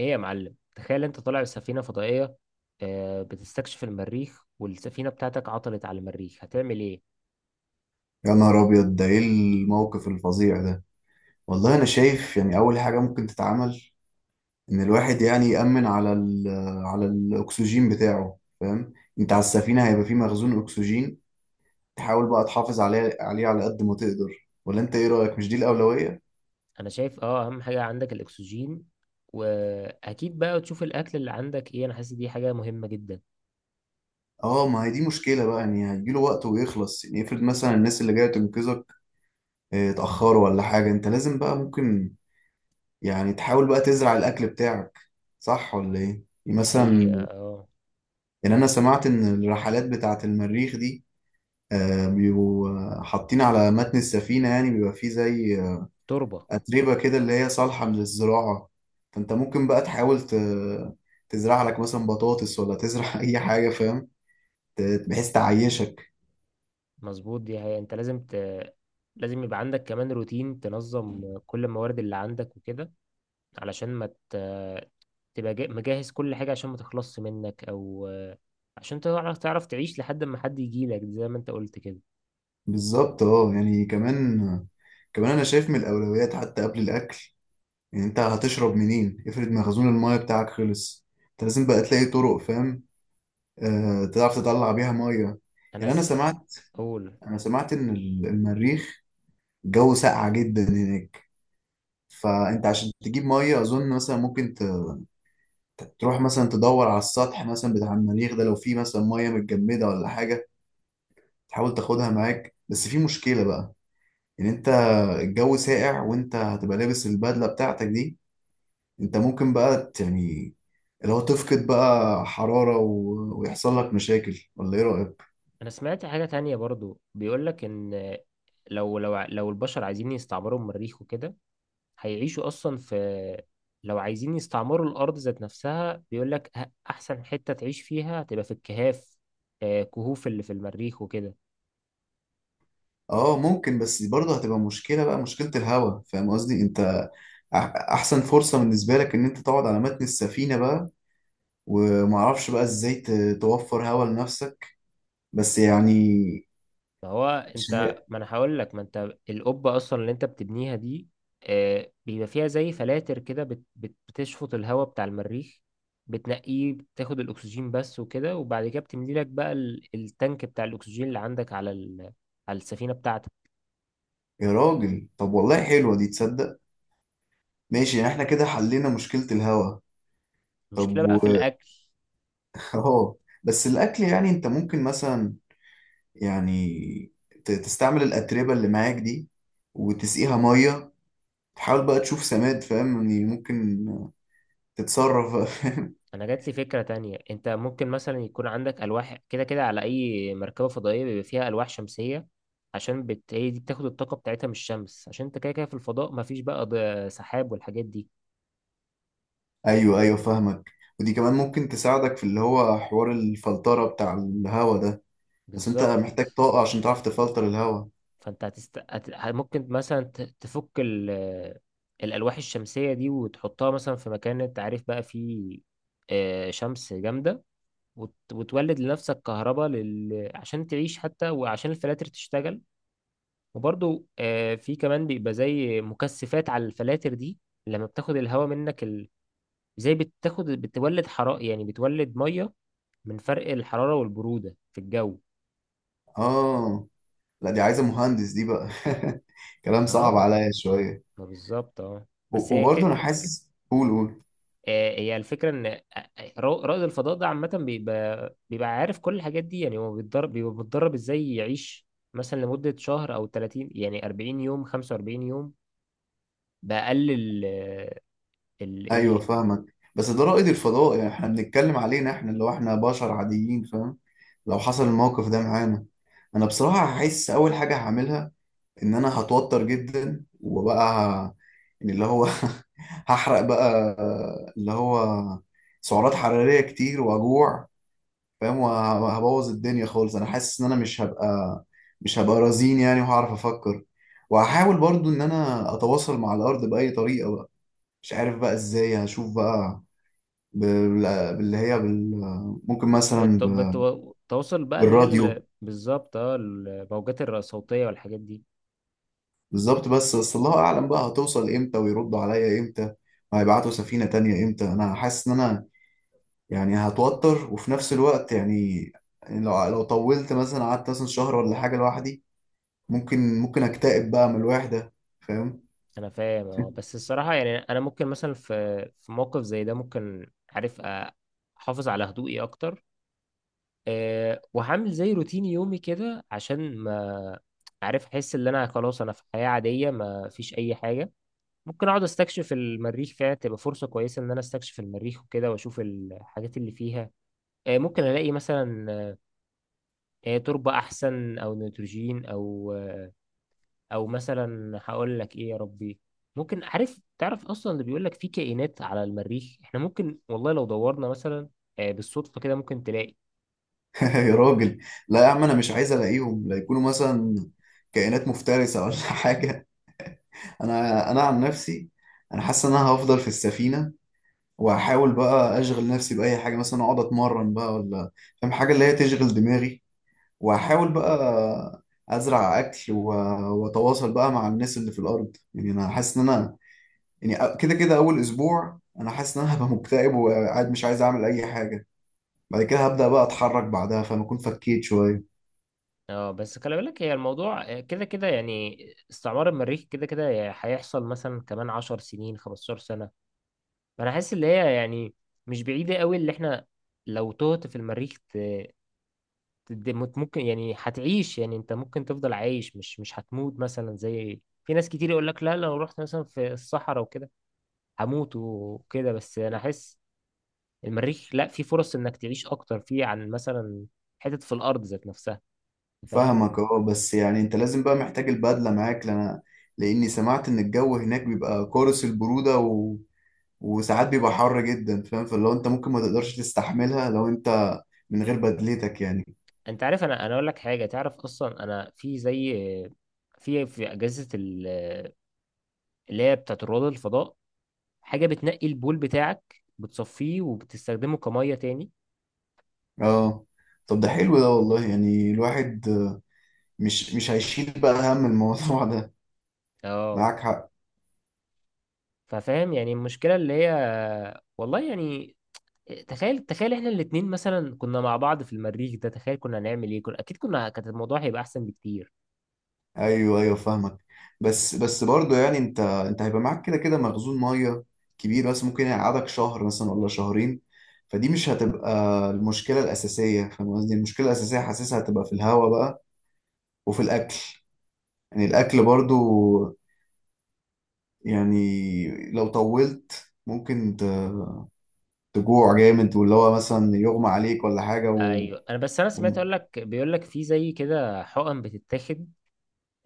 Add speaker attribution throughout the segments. Speaker 1: ايه يا معلم، تخيل انت طالع بسفينة فضائية، بتستكشف المريخ والسفينة بتاعتك عطلت على المريخ، هتعمل ايه؟
Speaker 2: يا نهار أبيض، ده إيه الموقف الفظيع ده! والله أنا شايف يعني أول حاجة ممكن تتعمل إن الواحد يعني يأمن على الأكسجين بتاعه، فاهم؟ أنت على السفينة هيبقى فيه مخزون أكسجين، تحاول بقى تحافظ عليه على قد ما تقدر. ولا أنت إيه رأيك، مش دي الأولوية؟
Speaker 1: انا شايف اهم حاجة عندك الاكسجين، واكيد بقى تشوف الاكل اللي عندك ايه. انا حاسس دي حاجة مهمة جدا.
Speaker 2: آه، ما هي دي مشكلة بقى، يعني هيجيله وقت ويخلص. يعني افرض مثلا الناس اللي جاية تنقذك اتأخروا ولا حاجة، أنت لازم بقى ممكن يعني تحاول بقى تزرع الأكل بتاعك، صح ولا إيه؟ يعني
Speaker 1: دي حقيقة،
Speaker 2: مثلا،
Speaker 1: اه.
Speaker 2: يعني انا سمعت ان الرحلات بتاعة المريخ دي بيبقوا حاطين على متن السفينة، يعني بيبقى فيه زي
Speaker 1: تربة.
Speaker 2: أتربة كده اللي هي صالحة للزراعة. فانت ممكن بقى تحاول تزرع لك مثلا بطاطس ولا تزرع اي حاجة، فاهم؟ بحيث تعيشك.
Speaker 1: مظبوط. دي حقيقة، انت لازم لازم يبقى عندك كمان روتين تنظم كل الموارد اللي عندك وكده، علشان ما ت- تبقى مجهز كل حاجة، عشان ما تخلصش منك أو، عشان تعرف تعيش لحد ما حد يجيلك زي ما أنت قلت كده.
Speaker 2: بالظبط، اه. يعني كمان انا شايف من الاولويات حتى قبل الاكل. يعني انت هتشرب منين؟ افرض مخزون المايه بتاعك خلص، انت لازم بقى تلاقي طرق، فاهم؟ آه، تعرف تطلع بيها ميه.
Speaker 1: أنا
Speaker 2: يعني انا
Speaker 1: س...
Speaker 2: سمعت
Speaker 1: أقول،
Speaker 2: انا سمعت ان المريخ الجو ساقع جدا هناك، فانت عشان تجيب ميه اظن مثلا ممكن تروح مثلا تدور على السطح مثلا بتاع المريخ ده، لو في مثلا ميه متجمده ولا حاجه تحاول تاخدها معاك. بس في مشكله بقى، ان انت الجو ساقع وانت هتبقى لابس البدله بتاعتك دي، انت ممكن بقى يعني لو تفقد بقى حراره ويحصل لك مشاكل، ولا ايه رايك؟
Speaker 1: أنا سمعت حاجة تانية برضو، بيقولك إن لو البشر عايزين يستعمروا المريخ وكده، هيعيشوا أصلا في. لو عايزين يستعمروا الأرض ذات نفسها، بيقولك أحسن حتة تعيش فيها هتبقى في الكهاف، كهوف اللي في المريخ وكده.
Speaker 2: اه ممكن، بس برضه هتبقى مشكلة بقى، مشكلة الهوا، فاهم قصدي؟ انت أح- احسن فرصة بالنسبة لك ان انت تقعد على متن السفينة بقى، ومعرفش بقى ازاي توفر هوا لنفسك، بس يعني
Speaker 1: ما هو،
Speaker 2: مش
Speaker 1: انت،
Speaker 2: عارف.
Speaker 1: ما انا هقول لك، ما انت القبه اصلا اللي انت بتبنيها دي بيبقى فيها زي فلاتر كده، بتشفط الهواء بتاع المريخ، بتنقيه، بتاخد الاكسجين بس وكده، وبعد كده بتملي لك بقى التانك بتاع الاكسجين اللي عندك على على السفينه بتاعتك.
Speaker 2: يا راجل طب، والله حلوة دي، تصدق؟ ماشي، يعني احنا كده حلينا مشكلة الهوا.
Speaker 1: المشكله
Speaker 2: طب
Speaker 1: بقى في الاكل.
Speaker 2: اه. بس الاكل يعني انت ممكن مثلا، يعني تستعمل الاتربة اللي معاك دي وتسقيها مية، تحاول بقى تشوف سماد، فاهم؟ يعني ممكن تتصرف فاهم؟
Speaker 1: انا جات لي فكره تانية. انت ممكن مثلا يكون عندك الواح كده كده. على اي مركبه فضائيه بيبقى فيها الواح شمسيه، عشان هي دي بتاخد الطاقه بتاعتها من الشمس، عشان انت كده كده في الفضاء مفيش بقى سحاب والحاجات دي.
Speaker 2: ايوه، ايوه فاهمك. ودي كمان ممكن تساعدك في اللي هو حوار الفلترة بتاع الهوا ده، بس انت
Speaker 1: بالظبط.
Speaker 2: محتاج طاقة عشان تعرف تفلتر الهوا.
Speaker 1: فانت ممكن مثلا تفك الالواح الشمسيه دي وتحطها مثلا في مكان انت عارف بقى فيه شمس جامده، وتولد لنفسك كهرباء، عشان تعيش حتى، وعشان الفلاتر تشتغل. وبرضو في كمان بيبقى زي مكثفات على الفلاتر دي. لما بتاخد الهواء منك زي بتاخد، بتولد حرارة، يعني بتولد مية من فرق الحرارة والبرودة في الجو.
Speaker 2: اه، لا دي عايزة مهندس دي بقى، كلام
Speaker 1: اه.
Speaker 2: صعب عليا شوية.
Speaker 1: ما بالظبط، اه، بس هي
Speaker 2: وبرضه انا حاسس قول قول،
Speaker 1: هي الفكرة ان رائد الفضاء ده عامة بيبقى بيبقى عارف كل الحاجات دي. يعني هو بيتدرب، بيبقى متدرب ازاي يعيش مثلا لمدة شهر او 30، يعني 40 يوم، 45 يوم، بأقل
Speaker 2: ايوه
Speaker 1: ايه.
Speaker 2: فاهمك. بس ده رائد الفضاء، يعني احنا بنتكلم علينا احنا، اللي هو احنا بشر عاديين، فاهم؟ لو حصل الموقف ده معانا، انا بصراحة هحس اول حاجة هعملها ان انا هتوتر جدا، وبقى يعني اللي هو هحرق بقى، اللي هو سعرات حرارية كتير واجوع، فاهم؟ وهبوظ الدنيا خالص. انا حاسس ان انا مش هبقى رزين يعني، وهعرف افكر. وهحاول برضو ان انا اتواصل مع الارض باي طريقة بقى، مش عارف بقى ازاي، هشوف بقى باللي هي ممكن مثلا
Speaker 1: بت- بت- بتوصل بقى اللي هي
Speaker 2: بالراديو.
Speaker 1: بالظبط، الموجات الصوتية والحاجات دي.
Speaker 2: بالظبط. بس الله اعلم بقى، هتوصل امتى ويردوا عليا امتى وهيبعتوا سفينه تانية امتى؟ انا حاسس ان انا يعني هتوتر، وفي نفس الوقت يعني لو طولت مثلا قعدت مثلا شهر ولا حاجه لوحدي، ممكن اكتئب بقى من الوحده، فاهم؟
Speaker 1: انا فاهم، اه، بس الصراحة يعني، انا ممكن مثلا في موقف زي ده ممكن، عارف، احافظ على هدوئي اكتر. أه، وهعمل زي روتين يومي كده عشان ما، عارف، احس ان انا خلاص، انا في حياة عادية، ما فيش اي حاجة. ممكن اقعد استكشف المريخ فيها، تبقى فرصة كويسة ان انا استكشف المريخ وكده واشوف الحاجات اللي فيها. أه، ممكن الاقي مثلا تربة احسن او نيتروجين او، او مثلا، هقول لك ايه يا ربي، ممكن، عارف، تعرف اصلا اللي بيقول لك في كائنات على المريخ. احنا ممكن، والله، لو دورنا مثلا بالصدفه كده، ممكن تلاقي.
Speaker 2: يا راجل، لا يا عم، انا مش عايز الاقيهم لا يكونوا مثلا كائنات مفترسه ولا حاجه. انا عن نفسي، انا حاسس ان انا هفضل في السفينه، واحاول بقى اشغل نفسي باي حاجه، مثلا اقعد اتمرن بقى ولا، فاهم، حاجه اللي هي تشغل دماغي. واحاول بقى ازرع اكل، واتواصل بقى مع الناس اللي في الارض. يعني انا حاسس ان انا يعني كده كده اول اسبوع انا حاسس ان انا هبقى مكتئب وقاعد مش عايز اعمل اي حاجه، بعد كده هبدا بقى اتحرك، بعدها فانا اكون فكيت شويه.
Speaker 1: اه، بس خلي بالك، هي الموضوع كده كده يعني. استعمار المريخ كده كده هيحصل مثلا كمان 10 سنين، 15 سنه. فانا حاسس ان هي يعني مش بعيده قوي. اللي احنا لو تهت في المريخ ممكن، يعني هتعيش. يعني انت ممكن تفضل عايش، مش هتموت. مثلا زي في ناس كتير يقول لك لا، لو رحت مثلا في الصحراء وكده هموت وكده. بس انا احس المريخ لا، في فرص انك تعيش اكتر فيه عن مثلا حتت في الارض ذات نفسها. فاهم.
Speaker 2: فاهمك، اه. بس يعني انت لازم بقى محتاج البدلة معاك، لأنا لأني سمعت إن الجو هناك بيبقى قارس البرودة وساعات بيبقى حر جدا، فاهم؟ فلو انت ممكن ما تقدرش تستحملها لو انت من غير بدلتك يعني.
Speaker 1: انت عارف، انا، اقول لك حاجه. تعرف اصلا انا في زي، في اجهزه اللي هي بتاعت رواد الفضاء، حاجه بتنقي البول بتاعك، بتصفيه وبتستخدمه كميه تاني.
Speaker 2: اه، طب ده حلو ده، والله يعني الواحد مش هيشيل بقى هم الموضوع ده،
Speaker 1: اه.
Speaker 2: معاك حق.
Speaker 1: ففاهم يعني المشكله اللي هي. والله يعني، تخيل، تخيل احنا الاتنين مثلا كنا مع بعض في المريخ ده، تخيل كنا هنعمل ايه. كنا اكيد كنا، كانت الموضوع هيبقى احسن بكتير.
Speaker 2: ايوه، ايوه فاهمك. بس برضه يعني انت هيبقى معاك كده كده مخزون ميه كبير، بس ممكن يقعدك شهر مثلا ولا شهرين، فدي مش هتبقى المشكله الاساسيه، فاهم قصدي؟ المشكله الاساسيه حاسسها هتبقى في الهواء بقى وفي الاكل، يعني الاكل برضه يعني لو طولت ممكن تجوع جامد، واللي هو مثلا يغمى عليك ولا حاجه
Speaker 1: ايوه، انا بس، انا
Speaker 2: و...
Speaker 1: سمعت، اقول لك، بيقول لك في زي كده حقن بتتاخد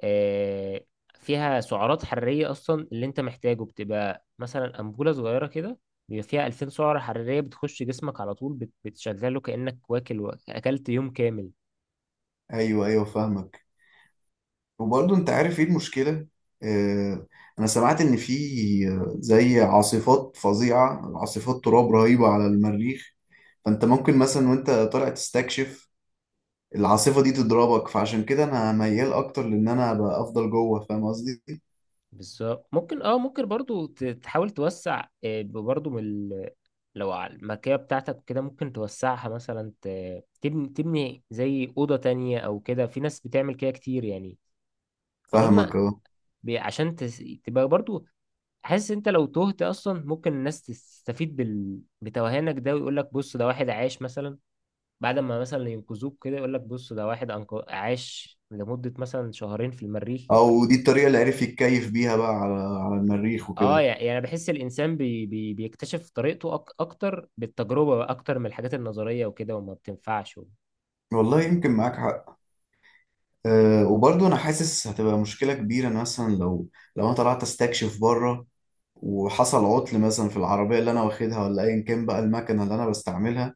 Speaker 1: آه، فيها سعرات حراريه اصلا اللي انت محتاجه. بتبقى مثلا انبوله صغيره كده، بيبقى فيها 2000 سعره حراريه، بتخش جسمك على طول، بتشغله كانك، واكل و، اكلت يوم كامل.
Speaker 2: ايوه، ايوه فاهمك. وبرضه انت عارف ايه المشكلة؟ آه، انا سمعت ان في زي عاصفات فظيعة، عاصفات تراب رهيبة على المريخ، فانت ممكن مثلا وانت طالع تستكشف العاصفة دي تضربك، فعشان كده انا ميال اكتر لان انا ابقى افضل جوه، فاهم قصدي؟
Speaker 1: بالظبط، ممكن، ممكن برضو تحاول توسع برضو من لو على المكيه بتاعتك كده، ممكن توسعها مثلا تبني، تبني زي اوضه تانية او كده. في ناس بتعمل كده كتير يعني. اظن
Speaker 2: فاهمك، اه.
Speaker 1: عشان تبقى برضو حاسس، انت لو تهت اصلا، ممكن الناس تستفيد بتوهانك ده، ويقول لك بص، ده واحد عاش مثلا، بعد ما مثلا ينقذوك كده، يقول لك بص ده واحد عاش لمدة مثلا شهرين في المريخ.
Speaker 2: او دي الطريقة اللي عرف يتكيف بيها بقى على المريخ
Speaker 1: اه،
Speaker 2: وكده.
Speaker 1: يعني بحس الانسان بيكتشف طريقته اكتر بالتجربة بقى، اكتر من الحاجات النظرية وكده وما بتنفعش.
Speaker 2: والله يمكن معاك حق. وبرضه انا حاسس هتبقى مشكله كبيره، إن مثلا لو انا طلعت استكشف بره وحصل عطل مثلا في العربيه اللي انا واخدها، ولا ايا كان بقى المكنه اللي انا بستعملها،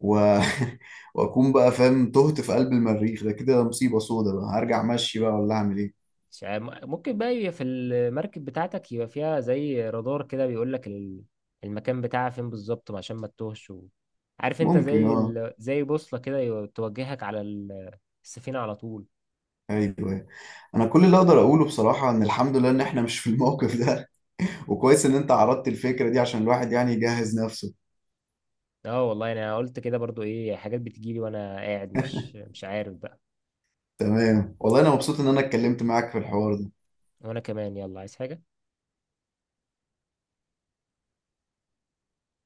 Speaker 2: و... واكون بقى فاهم تهت في قلب المريخ ده، كده مصيبه سودا بقى، هرجع مشي بقى ولا اعمل ايه؟
Speaker 1: مش ممكن بقى يبقى في المركب بتاعتك، يبقى فيها زي رادار كده، بيقول لك المكان بتاعها فين بالظبط، عشان ما تتوهش. عارف انت
Speaker 2: ممكن،
Speaker 1: زي
Speaker 2: اه،
Speaker 1: زي بوصلة كده توجهك على السفينة على طول.
Speaker 2: ايوه. انا كل اللي اقدر اقوله بصراحه ان الحمد لله ان احنا مش في الموقف ده، وكويس ان انت عرضت الفكره دي عشان الواحد يعني يجهز نفسه.
Speaker 1: اه والله، انا قلت كده برضو. ايه حاجات بتجيلي وانا قاعد، مش عارف بقى.
Speaker 2: تمام، والله انا مبسوط ان انا اتكلمت معاك في الحوار ده.
Speaker 1: وانا كمان، يلا، عايز حاجة.